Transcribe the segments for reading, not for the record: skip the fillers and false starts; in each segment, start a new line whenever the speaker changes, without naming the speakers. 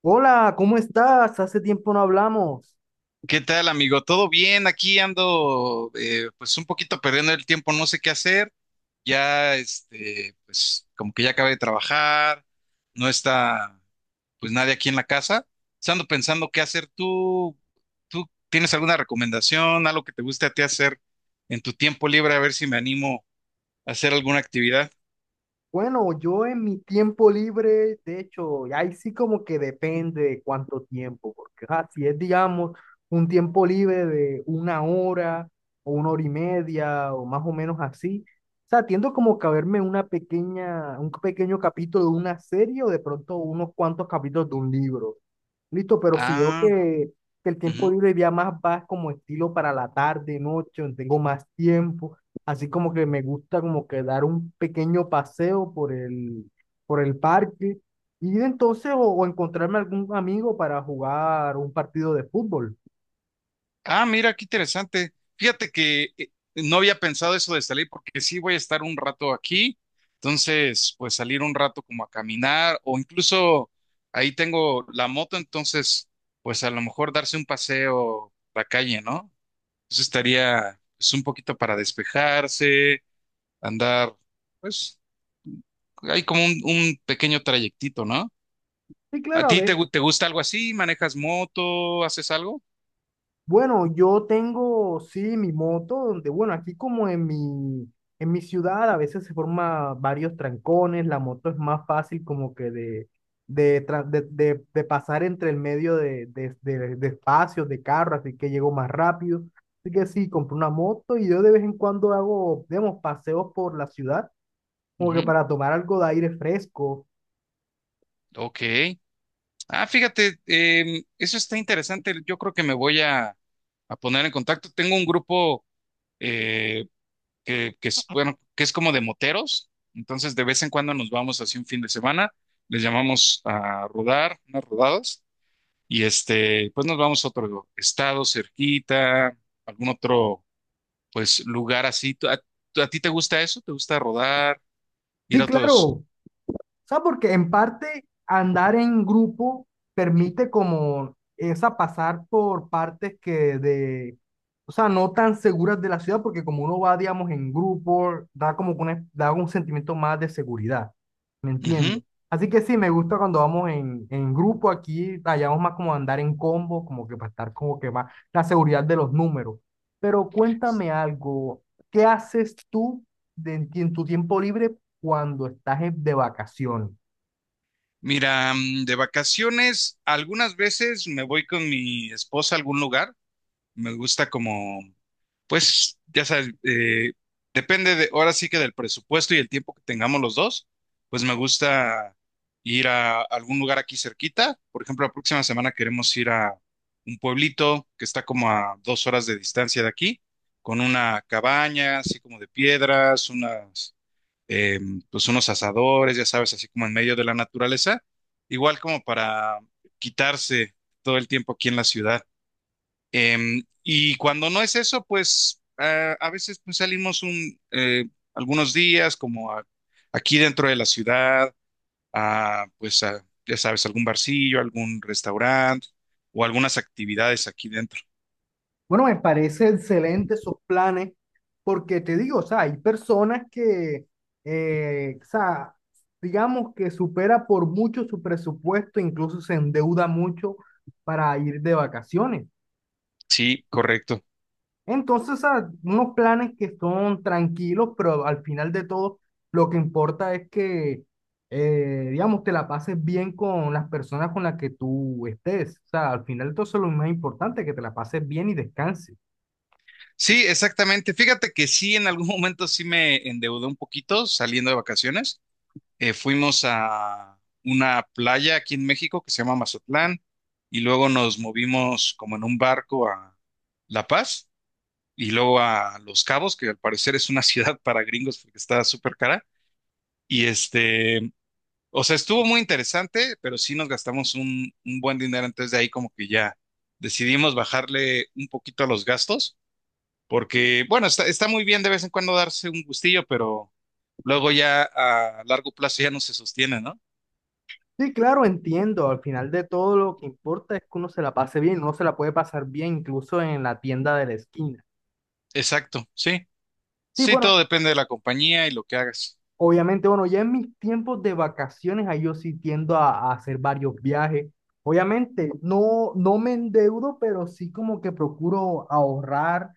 Hola, ¿cómo estás? Hace tiempo no hablamos.
¿Qué tal, amigo? ¿Todo bien? Aquí ando, pues un poquito perdiendo el tiempo, no sé qué hacer. Ya, este, pues como que ya acabé de trabajar, no está, pues nadie aquí en la casa. Entonces, ando pensando qué hacer. ¿Tú tienes alguna recomendación, algo que te guste a ti hacer en tu tiempo libre? A ver si me animo a hacer alguna actividad.
Bueno, yo en mi tiempo libre, de hecho, ahí sí como que depende de cuánto tiempo, porque si es, digamos, un tiempo libre de una hora o una hora y media o más o menos así, o sea, tiendo como que a verme un pequeño capítulo de una serie o de pronto unos cuantos capítulos de un libro. Listo, pero si veo
Ah,
que el tiempo libre ya más va como estilo para la tarde, noche, donde tengo más tiempo, así como que me gusta como que dar un pequeño paseo por el parque y entonces o encontrarme algún amigo para jugar un partido de fútbol.
Ah, mira, qué interesante. Fíjate que no había pensado eso de salir porque sí voy a estar un rato aquí. Entonces, pues salir un rato como a caminar o incluso ahí tengo la moto, entonces, pues a lo mejor darse un paseo a la calle, ¿no? Eso estaría pues, un poquito para despejarse, andar, pues hay como un pequeño trayectito, ¿no?
Y
¿A
claro.
ti te gusta algo así? ¿Manejas moto? ¿Haces algo?
Bueno, yo tengo, sí, mi moto, donde, bueno, aquí como en mi ciudad a veces se forman varios trancones, la moto es más fácil como que de pasar entre el medio de espacios, de carros, así que llego más rápido. Así que sí, compré una moto y yo de vez en cuando hago, digamos, paseos por la ciudad, como que
Ujú.
para tomar algo de aire fresco.
Ok. Ah, fíjate, eso está interesante. Yo creo que me voy a poner en contacto. Tengo un grupo, eh, que es, bueno, que es como de moteros. Entonces, de vez en cuando nos vamos así un fin de semana. Les llamamos a rodar, unas rodadas. Y este, pues nos vamos a otro estado cerquita, algún otro, pues, lugar así. ¿A ti te gusta eso? ¿Te gusta rodar? ¿Ir
Sí,
a
claro.
otros?
O sea, porque en parte andar en grupo permite como esa pasar por partes o sea, no tan seguras de la ciudad, porque como uno va, digamos, en grupo, da como que da un sentimiento más de seguridad, ¿me
Ujú.
entiendes? Así que sí, me gusta cuando vamos en grupo aquí, hallamos más como andar en combo, como que para estar como que más la seguridad de los números. Pero cuéntame algo, ¿qué haces tú en tu tiempo libre cuando estás de vacaciones?
Mira, de vacaciones, algunas veces me voy con mi esposa a algún lugar. Me gusta como, pues, ya sabes, depende de, ahora sí que del presupuesto y el tiempo que tengamos los dos, pues me gusta ir a algún lugar aquí cerquita. Por ejemplo, la próxima semana queremos ir a un pueblito que está como a 2 horas de distancia de aquí, con una cabaña así como de piedras, unas, eh, pues unos asadores, ya sabes, así como en medio de la naturaleza, igual como para quitarse todo el tiempo aquí en la ciudad. Y cuando no es eso, pues a veces pues, salimos algunos días como aquí dentro de la ciudad, a, pues a, ya sabes, algún barcillo, algún restaurante o algunas actividades aquí dentro.
Bueno, me parece excelente esos planes, porque te digo, o sea, hay personas que, o sea, digamos que supera por mucho su presupuesto, incluso se endeuda mucho para ir de vacaciones.
Sí, correcto.
Entonces, unos planes que son tranquilos, pero al final de todo, lo que importa es que, digamos, te la pases bien con las personas con las que tú estés. O sea, al final de todo, eso es lo más importante, que te la pases bien y descanses.
Sí, exactamente. Fíjate que sí, en algún momento sí me endeudé un poquito saliendo de vacaciones. Fuimos a una playa aquí en México que se llama Mazatlán y luego nos movimos como en un barco a La Paz y luego a Los Cabos, que al parecer es una ciudad para gringos porque está súper cara. Y este, o sea, estuvo muy interesante, pero sí nos gastamos un buen dinero. Entonces de ahí como que ya decidimos bajarle un poquito a los gastos, porque bueno, está muy bien de vez en cuando darse un gustillo, pero luego ya a largo plazo ya no se sostiene, ¿no?
Sí, claro, entiendo. Al final de todo, lo que importa es que uno se la pase bien. Uno se la puede pasar bien incluso en la tienda de la esquina.
Exacto, sí.
Sí,
Sí,
bueno,
todo depende de la compañía y lo que hagas,
obviamente, bueno, ya en mis tiempos de vacaciones, ahí yo sí tiendo a hacer varios viajes. Obviamente, no, no me endeudo, pero sí como que procuro ahorrar, o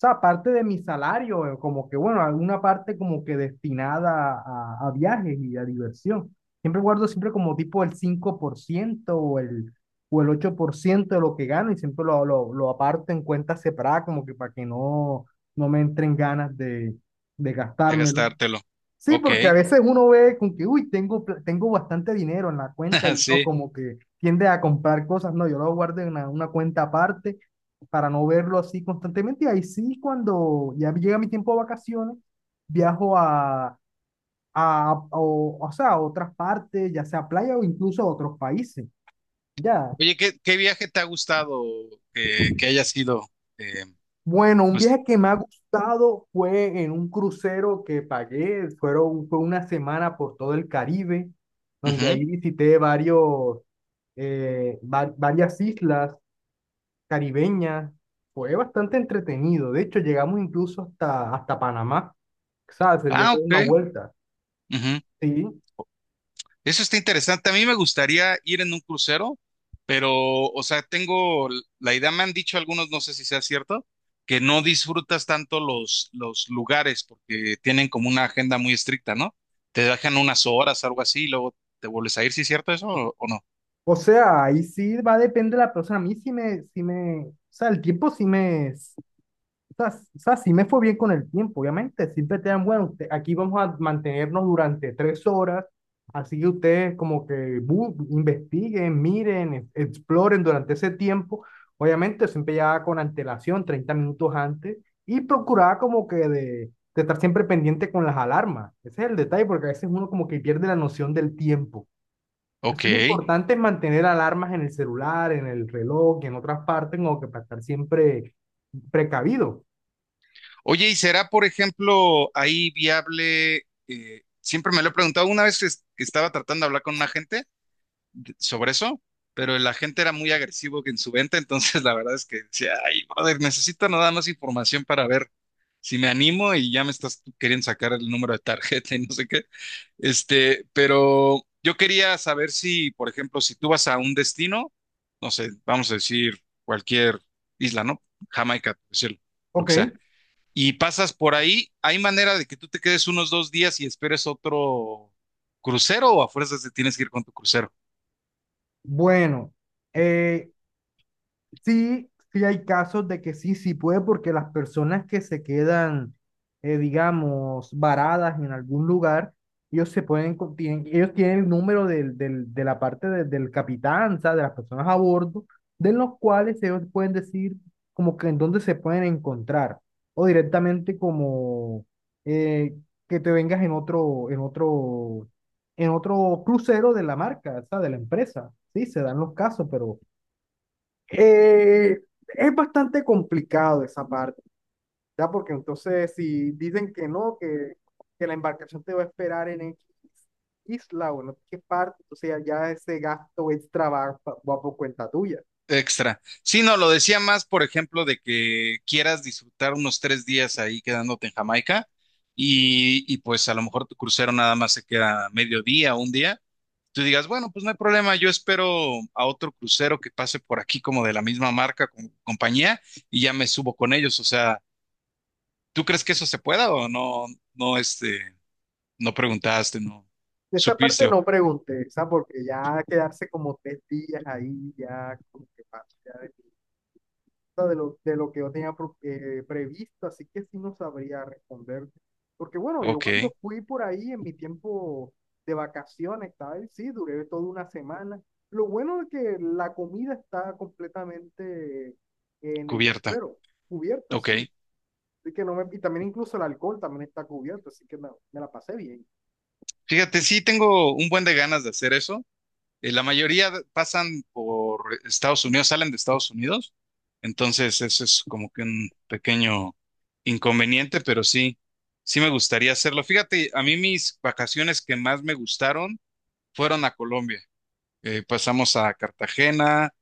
sea, parte de mi salario, como que, bueno, alguna parte como que destinada a viajes y a diversión. Siempre guardo siempre como tipo el 5% o el 8% de lo que gano y siempre lo aparto en cuentas separadas, como que para que no, no me entren ganas de
de
gastármelo.
gastártelo.
Sí,
Ok,
porque a veces uno ve con que, uy, tengo, tengo bastante dinero en la cuenta y no
sí.
como que tiende a comprar cosas. No, yo lo guardo en una cuenta aparte para no verlo así constantemente. Y ahí sí, cuando ya llega mi tiempo de vacaciones, viajo o sea, a otras partes, ya sea playa o incluso a otros países. Ya.
Oye, ¿qué viaje te ha gustado que haya sido? eh,
Bueno, un
pues,
viaje que me ha gustado fue en un crucero que pagué, fue una semana por todo el Caribe, donde
ujú.
ahí visité varias islas caribeñas, fue bastante entretenido, de hecho llegamos incluso hasta Panamá, o sea, se dio
Ah,
toda una
ok.
vuelta,
Ujú.
¿sí?
Eso está interesante. A mí me gustaría ir en un crucero, pero, o sea, tengo la idea, me han dicho algunos, no sé si sea cierto, que no disfrutas tanto los lugares porque tienen como una agenda muy estricta, ¿no? Te dejan unas horas, algo así, y luego te vuelves a ir, ¿sí es cierto eso o no?
O sea, ahí sí va a depender de la persona, a mí o sea, sí me fue bien con el tiempo, obviamente. Siempre te dan, bueno, aquí vamos a mantenernos durante 3 horas, así que ustedes como que investiguen, miren, exploren durante ese tiempo. Obviamente siempre ya con antelación, 30 minutos antes, y procuraba como que de estar siempre pendiente con las alarmas. Ese es el detalle, porque a veces uno como que pierde la noción del tiempo. Eso
Ok.
es lo importante es mantener alarmas en el celular, en el reloj y en otras partes, como que para estar siempre precavido.
Oye, ¿y será, por ejemplo, ahí viable? Siempre me lo he preguntado, una vez que estaba tratando de hablar con un agente sobre eso, pero el agente era muy agresivo en su venta, entonces la verdad es que decía, ay, brother, necesito nada más información para ver si me animo y ya me estás tú queriendo sacar el número de tarjeta y no sé qué. Este, pero yo quería saber si, por ejemplo, si tú vas a un destino, no sé, vamos a decir cualquier isla, ¿no? Jamaica, por decirlo, lo que sea.
Ok.
Y pasas por ahí, ¿hay manera de que tú te quedes unos 2 días y esperes otro crucero o a fuerzas te tienes que ir con tu crucero
Bueno, eh, sí, sí hay casos de que sí, sí puede, porque las personas que se quedan, digamos, varadas en algún lugar, ellos se pueden, co- tienen, ellos tienen el número del, del, de la parte de- del capitán, o sea, de las personas a bordo, de los cuales ellos pueden decir como que en dónde se pueden encontrar, o directamente como eh, que te vengas en otro crucero de la marca, o sea, de la empresa. Sí, se dan los casos, pero eh, es bastante complicado esa parte, ¿ya? Porque entonces si dicen que no, que la embarcación te va a esperar en X isla o no sé qué parte, o sea ya ese gasto extra va, va por cuenta tuya.
extra? Sí, no, lo decía más, por ejemplo, de que quieras disfrutar unos 3 días ahí quedándote en Jamaica y pues a lo mejor tu crucero nada más se queda medio día, un día. Tú digas, bueno, pues no hay problema, yo espero a otro crucero que pase por aquí como de la misma marca, con compañía, y ya me subo con ellos. O sea, ¿tú crees que eso se pueda o no, no, este, no preguntaste, no
De esta
supiste?
parte no pregunté, ¿sabes? Porque ya quedarse como 3 días ahí, ya como que pasa de lo que yo tenía previsto, así que sí no sabría responderte. Porque bueno, yo
Ok,
cuando fui por ahí en mi tiempo de vacaciones, tal, sí, duré toda una semana. Lo bueno es que la comida está completamente en el
cubierta.
crucero, cubierto,
Ok.
sí. Así que no me, y también incluso el alcohol también está cubierto, así que me la pasé bien.
Fíjate, sí tengo un buen de ganas de hacer eso. La mayoría pasan por Estados Unidos, salen de Estados Unidos. Entonces, eso es como que un pequeño inconveniente, pero sí, sí me gustaría hacerlo. Fíjate, a mí mis vacaciones que más me gustaron fueron a Colombia. Pasamos a Cartagena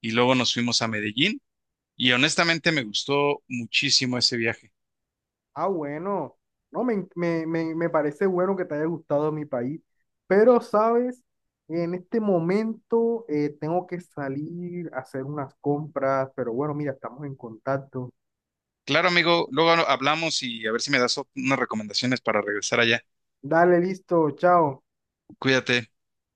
y luego nos fuimos a Medellín y honestamente me gustó muchísimo ese viaje.
Ah, bueno, no, me parece bueno que te haya gustado mi país, pero sabes, en este momento tengo que salir a hacer unas compras, pero bueno, mira, estamos en contacto.
Claro, amigo, luego hablamos y a ver si me das unas recomendaciones para regresar allá.
Dale, listo, chao.
Cuídate.